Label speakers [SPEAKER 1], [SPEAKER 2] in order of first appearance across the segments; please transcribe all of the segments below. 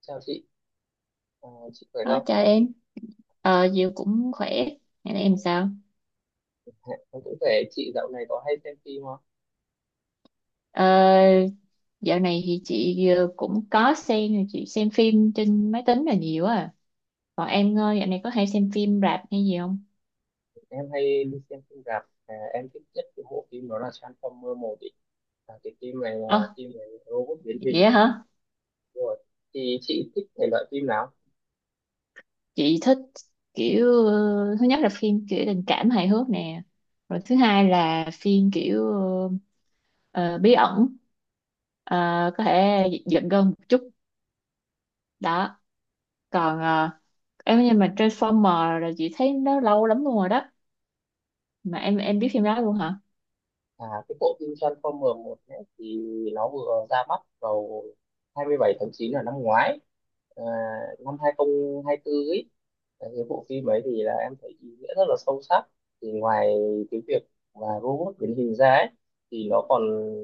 [SPEAKER 1] Chào chị. Chị khỏe
[SPEAKER 2] Đó,
[SPEAKER 1] không?
[SPEAKER 2] chào em. Ờ, Diệu cũng khỏe. Ngày nay em sao?
[SPEAKER 1] Ờ, Em cũng khỏe. Chị dạo này có hay xem phim không?
[SPEAKER 2] Ờ, dạo này thì chị cũng có xem, chị xem phim trên máy tính là nhiều à. Còn em dạo này có hay xem phim rạp hay gì không?
[SPEAKER 1] Em hay đi xem phim rạp. Em thích nhất cái bộ phim đó là Transformer 1 ý. À, cái phim này là
[SPEAKER 2] Ờ,
[SPEAKER 1] phim về robot biến hình.
[SPEAKER 2] vậy hả?
[SPEAKER 1] Đúng rồi. Thì chị thích thể loại phim nào?
[SPEAKER 2] Chị thích kiểu, thứ nhất là phim kiểu tình cảm hài hước nè. Rồi thứ hai là phim kiểu ờ, bí ẩn. Ờ, có thể giận gân một chút. Đó. Còn ờ, em nhưng mà Transformer là chị thấy nó lâu lắm luôn rồi đó. Mà em biết phim đó luôn hả?
[SPEAKER 1] À, cái bộ phim Transformer 1 ấy, thì nó vừa ra mắt vào 27 tháng 9 là năm ngoái, à, năm 2024 ấy. Đấy, cái bộ phim ấy thì là em thấy ý nghĩa rất là sâu sắc, thì ngoài cái việc mà robot biến hình ra ấy thì nó còn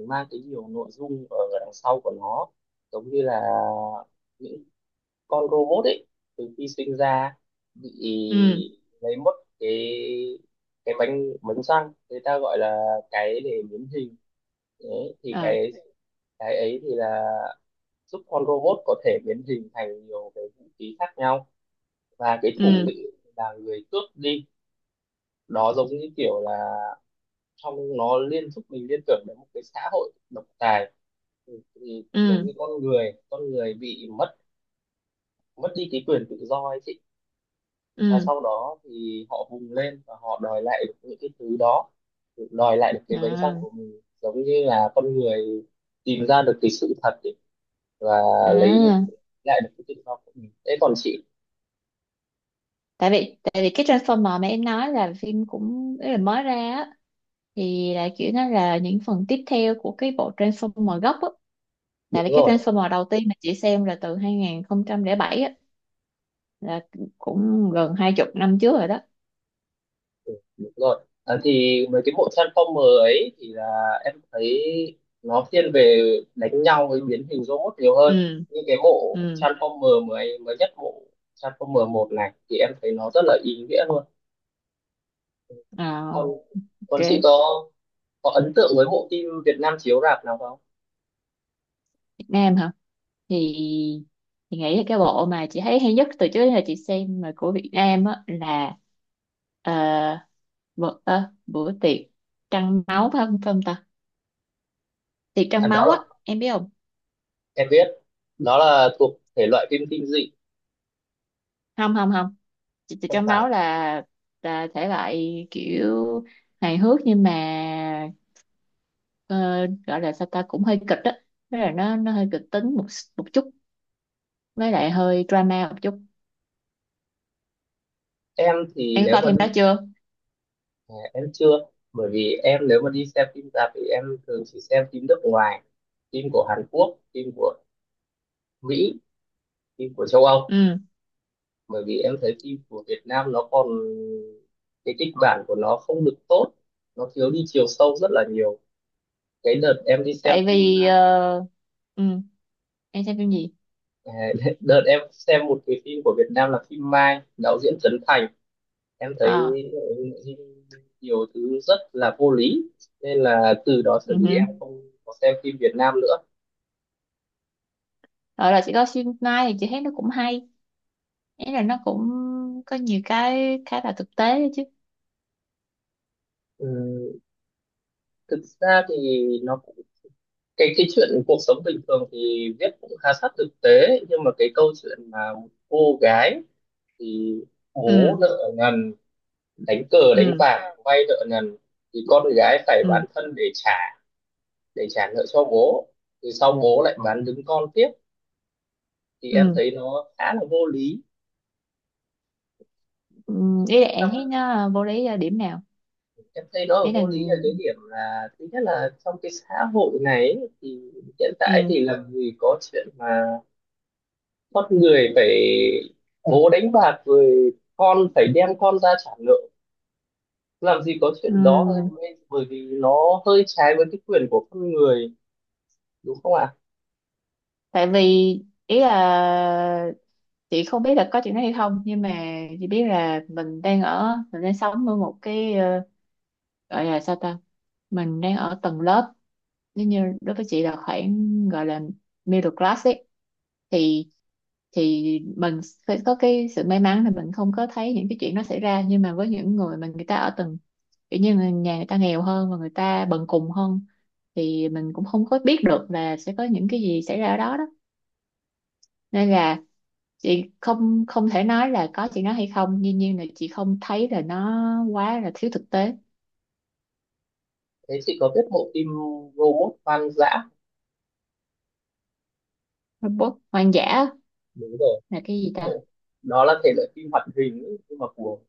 [SPEAKER 1] mang cái nhiều nội dung ở đằng sau của nó, giống như là những con robot ấy từ khi sinh ra bị
[SPEAKER 2] Ừ.
[SPEAKER 1] lấy mất cái cái bánh bánh răng, người ta gọi là cái để biến hình. Đấy thì
[SPEAKER 2] Ờ.
[SPEAKER 1] cái ấy thì là giúp con robot có thể biến hình thành nhiều cái vũ khí khác nhau, và cái thủ
[SPEAKER 2] Ừ.
[SPEAKER 1] lĩnh là người cướp đi đó, giống như kiểu là trong nó liên giúp mình liên tưởng đến một cái xã hội độc tài. Thì
[SPEAKER 2] Ừ.
[SPEAKER 1] giống như con người bị mất mất đi cái quyền tự do ấy chị, và
[SPEAKER 2] Ừ.
[SPEAKER 1] sau đó thì họ vùng lên và họ đòi lại được những cái thứ đó, đòi lại được cái bánh răng
[SPEAKER 2] À,
[SPEAKER 1] của mình, giống như là con người tìm ra được cái sự thật ấy, và lấy
[SPEAKER 2] à.
[SPEAKER 1] lại được cái tự do của mình. Thế còn chị?
[SPEAKER 2] Tại vì cái Transformer mà em nói là phim cũng ý là mới ra á, thì là kiểu nó là những phần tiếp theo của cái bộ Transformer gốc á.
[SPEAKER 1] Đúng
[SPEAKER 2] Tại vì cái
[SPEAKER 1] rồi.
[SPEAKER 2] Transformer đầu tiên mà chị xem là từ 2007 á, là cũng gần 20 năm trước rồi đó.
[SPEAKER 1] Ừ, đúng rồi. À, thì mấy cái bộ Transformer ấy thì là em thấy nó thiên về đánh nhau với biến hình robot nhiều hơn.
[SPEAKER 2] Ừ.
[SPEAKER 1] Như cái bộ
[SPEAKER 2] Ừ.
[SPEAKER 1] Transformer mới mới nhất, bộ Transformer một này thì em thấy nó rất là ý nghĩa luôn. còn
[SPEAKER 2] À,
[SPEAKER 1] còn chị
[SPEAKER 2] ok.
[SPEAKER 1] có ấn tượng với bộ phim Việt Nam chiếu rạp nào không?
[SPEAKER 2] Nam hả? Thì thì nghĩ là cái bộ mà chị thấy hay nhất từ trước đến giờ chị xem mà của Việt Nam á là ờ, bữa tiệc trăng máu phải không ta? Tiệc
[SPEAKER 1] À,
[SPEAKER 2] trăng
[SPEAKER 1] đó
[SPEAKER 2] máu
[SPEAKER 1] là
[SPEAKER 2] á, em biết không?
[SPEAKER 1] em biết, đó là thuộc thể loại phim kinh dị,
[SPEAKER 2] Không, không, không. Tiệc
[SPEAKER 1] không
[SPEAKER 2] trăng
[SPEAKER 1] phải.
[SPEAKER 2] máu là thể loại kiểu hài hước nhưng mà ờ, gọi là sao ta cũng hơi kịch á. Tức là nó hơi kịch tính một một chút với lại hơi drama một chút.
[SPEAKER 1] Em thì
[SPEAKER 2] Em có
[SPEAKER 1] nếu
[SPEAKER 2] coi
[SPEAKER 1] mà
[SPEAKER 2] phim
[SPEAKER 1] đi,
[SPEAKER 2] đó chưa?
[SPEAKER 1] à, em chưa, bởi vì em nếu mà đi xem phim rạp thì em thường chỉ xem phim nước ngoài, phim của Hàn Quốc, phim của Mỹ, phim của châu Âu.
[SPEAKER 2] Ừ,
[SPEAKER 1] Bởi vì em thấy phim của Việt Nam nó còn cái kịch bản của nó không được tốt, nó thiếu đi chiều sâu rất là nhiều. Cái đợt em đi xem
[SPEAKER 2] tại
[SPEAKER 1] phim,
[SPEAKER 2] vì ừ. Em xem phim gì
[SPEAKER 1] à, đợt em xem một cái phim của Việt Nam là phim Mai, đạo diễn Trấn Thành, em thấy
[SPEAKER 2] ờ
[SPEAKER 1] ừ, nhiều thứ rất là vô lý, nên là từ đó trở
[SPEAKER 2] ừ
[SPEAKER 1] đi
[SPEAKER 2] hử.
[SPEAKER 1] em không có xem phim Việt Nam nữa.
[SPEAKER 2] Rồi là chị có phim Mai thì chị thấy nó cũng hay, ý là nó cũng có nhiều cái khá là thực tế đấy chứ.
[SPEAKER 1] Ừ, thực ra thì nó cũng- cái chuyện cuộc sống bình thường thì viết cũng khá sát thực tế, nhưng mà cái câu chuyện mà một cô gái thì bố
[SPEAKER 2] Ừ.
[SPEAKER 1] nợ nần, đánh cờ đánh
[SPEAKER 2] Ừ.
[SPEAKER 1] bạc vay nợ nần, thì con gái phải
[SPEAKER 2] Ừ.
[SPEAKER 1] bán thân để trả, để trả nợ cho bố, thì sau bố lại bán đứng con tiếp, thì em
[SPEAKER 2] Ừ.
[SPEAKER 1] thấy nó khá là vô lý.
[SPEAKER 2] Ừ, ý là em thấy nó vô lý ở điểm nào?
[SPEAKER 1] Em thấy nó ở
[SPEAKER 2] Ý là.
[SPEAKER 1] vô lý ở cái điểm là thứ nhất là trong cái xã hội này ấy, thì hiện tại
[SPEAKER 2] Ừ.
[SPEAKER 1] thì làm gì có chuyện mà con người phải bố đánh bạc rồi con phải đem con ra trả nợ, làm gì có chuyện đó thôi,
[SPEAKER 2] Ừ.
[SPEAKER 1] bởi vì nó hơi trái với cái quyền của con người, đúng không ạ?
[SPEAKER 2] Tại vì ý là chị không biết là có chuyện đó hay không, nhưng mà chị biết là mình đang sống ở một cái, gọi là sao ta, mình đang ở tầng lớp, nếu như đối với chị là khoảng gọi là middle class ấy, thì thì mình phải có cái sự may mắn là mình không có thấy những cái chuyện nó xảy ra, nhưng mà với những người mà người ta ở tầng, kiểu như là nhà người ta nghèo hơn và người ta bần cùng hơn, thì mình cũng không có biết được là sẽ có những cái gì xảy ra ở đó đó. Nên là chị không không thể nói là có chị nó hay không, dĩ nhiên là chị không thấy là nó quá là thiếu thực tế.
[SPEAKER 1] Thế chị có biết bộ phim Robot Hoang Dã?
[SPEAKER 2] Robot hoang dã
[SPEAKER 1] Đúng rồi.
[SPEAKER 2] là cái gì ta?
[SPEAKER 1] Bộ đó là thể loại phim hoạt hình ấy, nhưng mà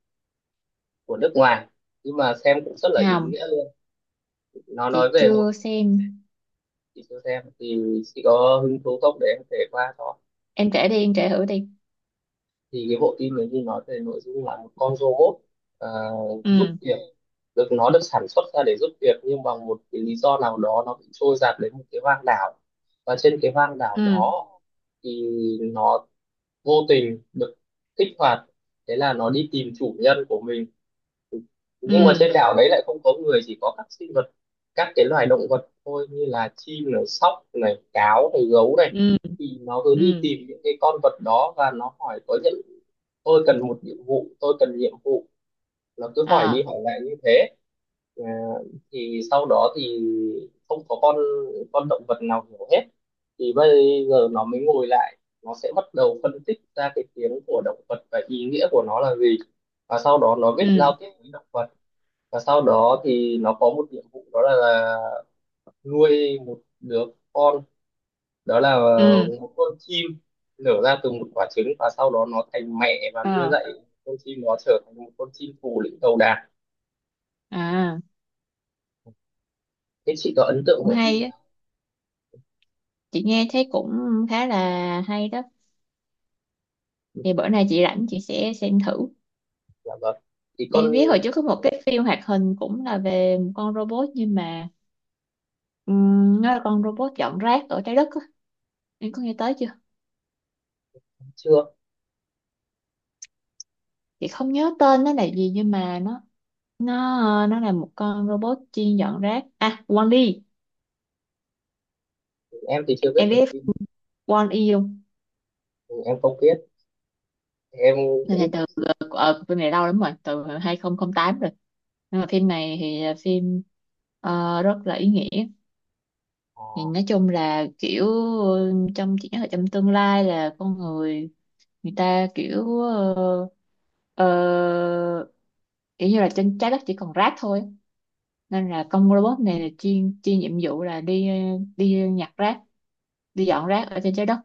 [SPEAKER 1] của nước ngoài, nhưng mà xem cũng rất là ý
[SPEAKER 2] Không,
[SPEAKER 1] nghĩa luôn. Nó nói
[SPEAKER 2] chị
[SPEAKER 1] về một,
[SPEAKER 2] chưa xem.
[SPEAKER 1] chị cho xem thì chị có hứng thú không để em kể qua cho.
[SPEAKER 2] Em kể đi, em kể thử đi.
[SPEAKER 1] Thì cái bộ phim này như nói về nội dung là một con robot ờ, giúp
[SPEAKER 2] Ừ.
[SPEAKER 1] việc, được nó được sản xuất ra để giúp việc, nhưng bằng một cái lý do nào đó nó bị trôi dạt đến một cái hoang đảo, và trên cái hoang đảo
[SPEAKER 2] Ừ.
[SPEAKER 1] đó thì nó vô tình được kích hoạt, thế là nó đi tìm chủ nhân của mình. Nhưng mà
[SPEAKER 2] Ừ.
[SPEAKER 1] trên đảo đấy lại không có người, chỉ có các sinh vật, các cái loài động vật thôi, như là chim này, sóc này, cáo này, gấu này.
[SPEAKER 2] Ừ.
[SPEAKER 1] Thì nó cứ đi
[SPEAKER 2] Ừ.
[SPEAKER 1] tìm những cái con vật đó và nó hỏi có những tôi cần một nhiệm vụ, tôi cần nhiệm vụ, nó cứ hỏi đi
[SPEAKER 2] À.
[SPEAKER 1] hỏi lại như thế. À, thì sau đó thì không có con động vật nào hiểu hết, thì bây giờ nó mới ngồi lại, nó sẽ bắt đầu phân tích ra cái tiếng của động vật và ý nghĩa của nó là gì, và sau đó nó viết
[SPEAKER 2] Ừ.
[SPEAKER 1] giao tiếp với động vật. Và sau đó thì nó có một nhiệm vụ đó là nuôi một đứa con, đó là
[SPEAKER 2] Ừ.
[SPEAKER 1] một con chim nở ra từ một quả trứng, và sau đó nó thành mẹ và nuôi
[SPEAKER 2] Ờ.
[SPEAKER 1] dạy con chim nó trở thành một con chim phù lĩnh đầu đàn.
[SPEAKER 2] À,
[SPEAKER 1] Thế chị có ấn tượng
[SPEAKER 2] cũng
[SPEAKER 1] của
[SPEAKER 2] hay
[SPEAKER 1] phim
[SPEAKER 2] á,
[SPEAKER 1] nào?
[SPEAKER 2] chị nghe thấy cũng khá là hay đó,
[SPEAKER 1] Ừ,
[SPEAKER 2] thì bữa nay chị rảnh chị sẽ xem thử.
[SPEAKER 1] dạ vâng, thì con
[SPEAKER 2] Em biết hồi trước có một cái phim hoạt hình cũng là về một con robot nhưng mà nó là con robot dọn rác ở trái đất á, em có nghe tới chưa?
[SPEAKER 1] chưa,
[SPEAKER 2] Chị không nhớ tên nó là gì nhưng mà nó là một con robot chuyên dọn rác, à Wall-E.
[SPEAKER 1] em thì chưa biết
[SPEAKER 2] Em
[SPEAKER 1] được
[SPEAKER 2] biết
[SPEAKER 1] phim.
[SPEAKER 2] Wall-E không?
[SPEAKER 1] Ừ, em không biết. Em
[SPEAKER 2] phim này
[SPEAKER 1] cũng
[SPEAKER 2] từ ờ, ờ, phim này lâu lắm rồi, từ 2008 rồi, nhưng mà phim này thì là phim, rất là ý nghĩa.
[SPEAKER 1] ờ,
[SPEAKER 2] Thì nói chung là kiểu, ừ, trong chị nhớ là trong tương lai là con người, người ta ờ, kiểu như là trên trái đất chỉ còn rác thôi, nên là con robot này là chuyên chuyên nhiệm vụ là đi đi nhặt rác, đi dọn rác ở trên trái đất,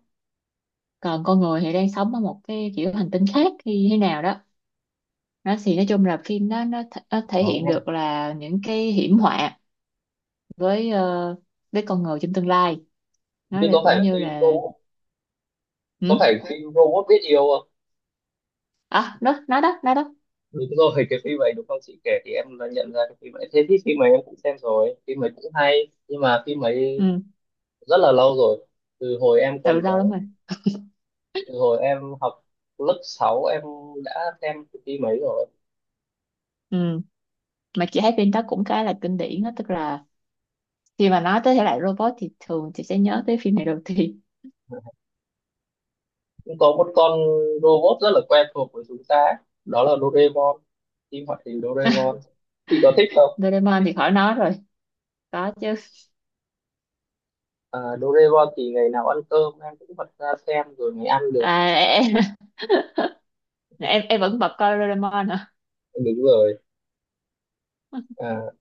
[SPEAKER 2] còn con người thì đang sống ở một cái kiểu hành tinh khác hay thế nào đó. Nó thì nói chung là phim đó nó thể hiện được là những cái hiểm họa với với con người trong tương lai. Nó
[SPEAKER 1] như
[SPEAKER 2] là
[SPEAKER 1] có phải
[SPEAKER 2] cũng như
[SPEAKER 1] phim
[SPEAKER 2] là.
[SPEAKER 1] robot, có
[SPEAKER 2] Ừ.
[SPEAKER 1] phải phim robot biết yêu?
[SPEAKER 2] À, nó đó, nó đó.
[SPEAKER 1] Đúng rồi, cái phim ấy đúng không, chị kể thì em đã nhận ra cái phim ấy. Thế thì phim ấy em cũng xem rồi, phim ấy cũng hay. Nhưng mà phim ấy
[SPEAKER 2] Ừ,
[SPEAKER 1] rất là lâu rồi, từ hồi em
[SPEAKER 2] từ
[SPEAKER 1] còn bé,
[SPEAKER 2] lâu lắm rồi.
[SPEAKER 1] từ hồi em học lớp 6 em đã xem cái phim ấy rồi.
[SPEAKER 2] Ừ, mà chị thấy phim đó cũng khá là kinh điển đó, tức là khi mà nói tới thể loại robot thì thường chị sẽ nhớ tới phim này đầu tiên.
[SPEAKER 1] Cũng có một con robot rất là quen thuộc với chúng ta ấy, đó là Doraemon, phim hoạt hình Doraemon. Chị có thích không?
[SPEAKER 2] Doraemon thì khỏi nói rồi, có chứ.
[SPEAKER 1] À, Doraemon thì ngày nào ăn cơm em cũng bật ra xem rồi mới ăn được.
[SPEAKER 2] À, em vẫn bật coi Doraemon hả?
[SPEAKER 1] Đúng rồi. À,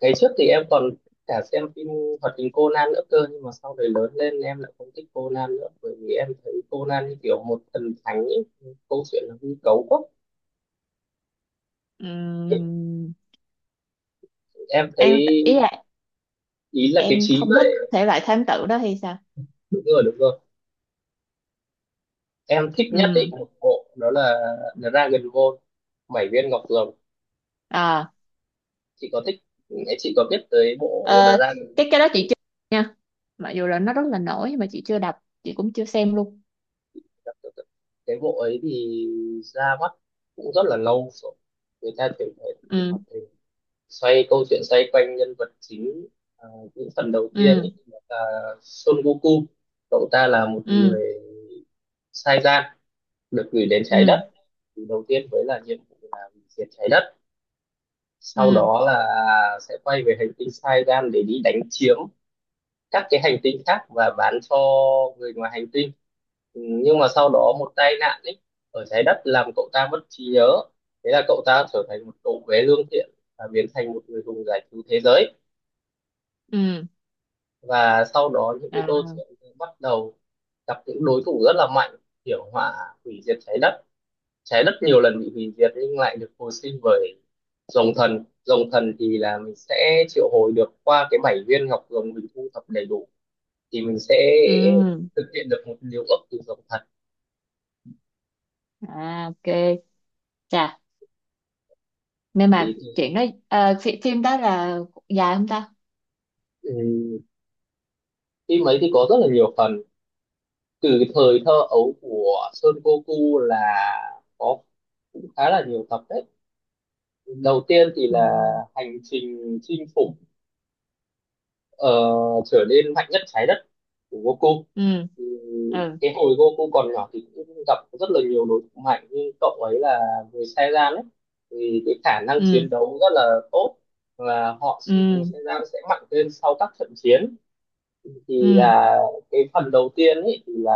[SPEAKER 1] ngày trước thì em còn cả xem phim hoạt hình Conan nữa cơ, nhưng mà sau này lớn lên em lại không thích Conan nữa, bởi vì em thấy Conan như kiểu một thần thánh ấy, câu chuyện nó hư cấu quá.
[SPEAKER 2] Ừm,
[SPEAKER 1] Em thấy
[SPEAKER 2] em ý là
[SPEAKER 1] ý là cái
[SPEAKER 2] em
[SPEAKER 1] trí
[SPEAKER 2] không thích
[SPEAKER 1] vậy.
[SPEAKER 2] thể loại thám tử đó hay sao?
[SPEAKER 1] Đúng rồi, đúng rồi, em thích nhất ý
[SPEAKER 2] Ừm.
[SPEAKER 1] một bộ đó là Dragon Ball, bảy viên ngọc rồng.
[SPEAKER 2] À,
[SPEAKER 1] Chị có thích, chị có biết tới bộ
[SPEAKER 2] ờ,
[SPEAKER 1] Dragon?
[SPEAKER 2] cái đó chị chưa, nha, mặc dù là nó rất là nổi nhưng mà chị chưa đọc, chị cũng chưa xem luôn.
[SPEAKER 1] Cái bộ ấy thì ra mắt cũng rất là lâu rồi. Người ta thường thấy phim
[SPEAKER 2] Ừ.
[SPEAKER 1] hoạt hình xoay câu chuyện xoay quanh nhân vật chính, à, những phần đầu tiên
[SPEAKER 2] Ừ.
[SPEAKER 1] ấy là Son Goku, cậu ta là một
[SPEAKER 2] Ừ.
[SPEAKER 1] người sai gian được gửi đến trái
[SPEAKER 2] Ừ.
[SPEAKER 1] đất, thì đầu tiên với là nhiệm vụ là diệt trái đất,
[SPEAKER 2] Ừ.
[SPEAKER 1] sau
[SPEAKER 2] Ừ.
[SPEAKER 1] đó là sẽ quay về hành tinh sai gian để đi đánh chiếm các cái hành tinh khác và bán cho người ngoài hành tinh. Ừ, nhưng mà sau đó một tai nạn ấy ở trái đất làm cậu ta mất trí nhớ, thế là cậu ta trở thành một cậu bé lương thiện và biến thành một người hùng giải cứu thế giới.
[SPEAKER 2] Ừ.
[SPEAKER 1] Và sau đó những cái đô
[SPEAKER 2] À,
[SPEAKER 1] thị bắt đầu gặp những đối thủ rất là mạnh, kiểu hỏa hủy diệt trái đất, trái đất nhiều lần bị hủy diệt nhưng lại được hồi sinh bởi rồng thần. Rồng thần thì là mình sẽ triệu hồi được qua cái bảy viên ngọc rồng, mình thu thập đầy đủ thì mình sẽ
[SPEAKER 2] ừ.
[SPEAKER 1] thực hiện được một điều ước từ rồng thần.
[SPEAKER 2] À, ok. Chà, nên
[SPEAKER 1] Thì
[SPEAKER 2] mà chuyện đó phim đó là dài không ta?
[SPEAKER 1] ừ, phim ấy thì có rất là nhiều phần, từ cái thời thơ ấu của Son Goku là có cũng khá là nhiều tập đấy. Đầu tiên thì
[SPEAKER 2] Ừ.
[SPEAKER 1] là hành trình chinh phục ờ, trở nên mạnh nhất trái đất của Goku.
[SPEAKER 2] Ừ.
[SPEAKER 1] Ừ,
[SPEAKER 2] Ừ.
[SPEAKER 1] cái hồi Goku còn nhỏ thì cũng gặp rất là nhiều đối thủ mạnh, nhưng cậu ấy là người Saiyan ấy thì cái khả năng chiến
[SPEAKER 2] Ừ.
[SPEAKER 1] đấu rất là tốt, và họ người
[SPEAKER 2] Ừ.
[SPEAKER 1] Saiyan sẽ mạnh lên sau các trận chiến. Thì
[SPEAKER 2] Ừ.
[SPEAKER 1] là cái phần đầu tiên ấy thì là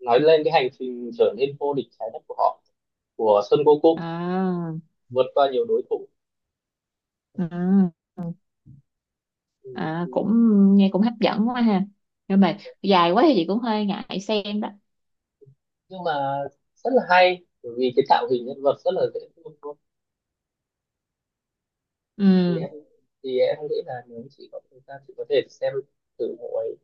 [SPEAKER 1] nói lên cái hành trình trở nên vô địch trái đất của họ, của Son Goku,
[SPEAKER 2] À.
[SPEAKER 1] vượt qua nhiều đối thủ.
[SPEAKER 2] Ừ. Ừ.
[SPEAKER 1] Ừ,
[SPEAKER 2] À,
[SPEAKER 1] ừ,
[SPEAKER 2] cũng nghe cũng hấp dẫn quá ha, nhưng mà dài quá thì chị cũng hơi ngại xem đó.
[SPEAKER 1] nhưng mà rất là hay bởi vì cái tạo hình nhân vật rất là dễ thương. thì
[SPEAKER 2] Ừ.
[SPEAKER 1] em thì em nghĩ là nếu chị có thời gian chị có thể xem thử bộ ấy.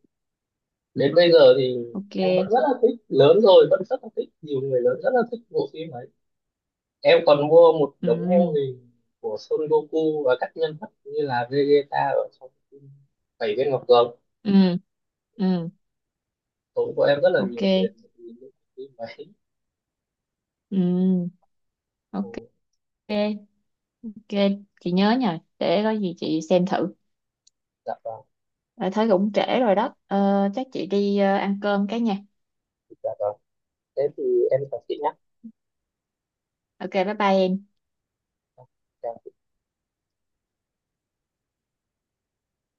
[SPEAKER 1] Đến bây giờ thì
[SPEAKER 2] Ok.
[SPEAKER 1] em vẫn rất là thích, lớn rồi vẫn rất là thích, nhiều người lớn rất là thích bộ phim ấy. Em còn mua một
[SPEAKER 2] Ừ.
[SPEAKER 1] đống mô hình của Son Goku và các nhân vật như là Vegeta ở trong phim Bảy viên ngọc rồng,
[SPEAKER 2] Ừ. Ừ.
[SPEAKER 1] tốn của em rất là
[SPEAKER 2] Ok.
[SPEAKER 1] nhiều tiền để nhìn những phim ấy.
[SPEAKER 2] Ừ.
[SPEAKER 1] Ồ,
[SPEAKER 2] Ok. Ok, chị nhớ nhờ để có gì chị xem thử.
[SPEAKER 1] dạ vâng,
[SPEAKER 2] Ờ, thấy cũng trễ rồi đó. Ờ, Chắc chị đi ăn cơm cái nha.
[SPEAKER 1] dạ vâng, thế thì em chào chị nhé.
[SPEAKER 2] Ok, bye bye em.
[SPEAKER 1] Dạ.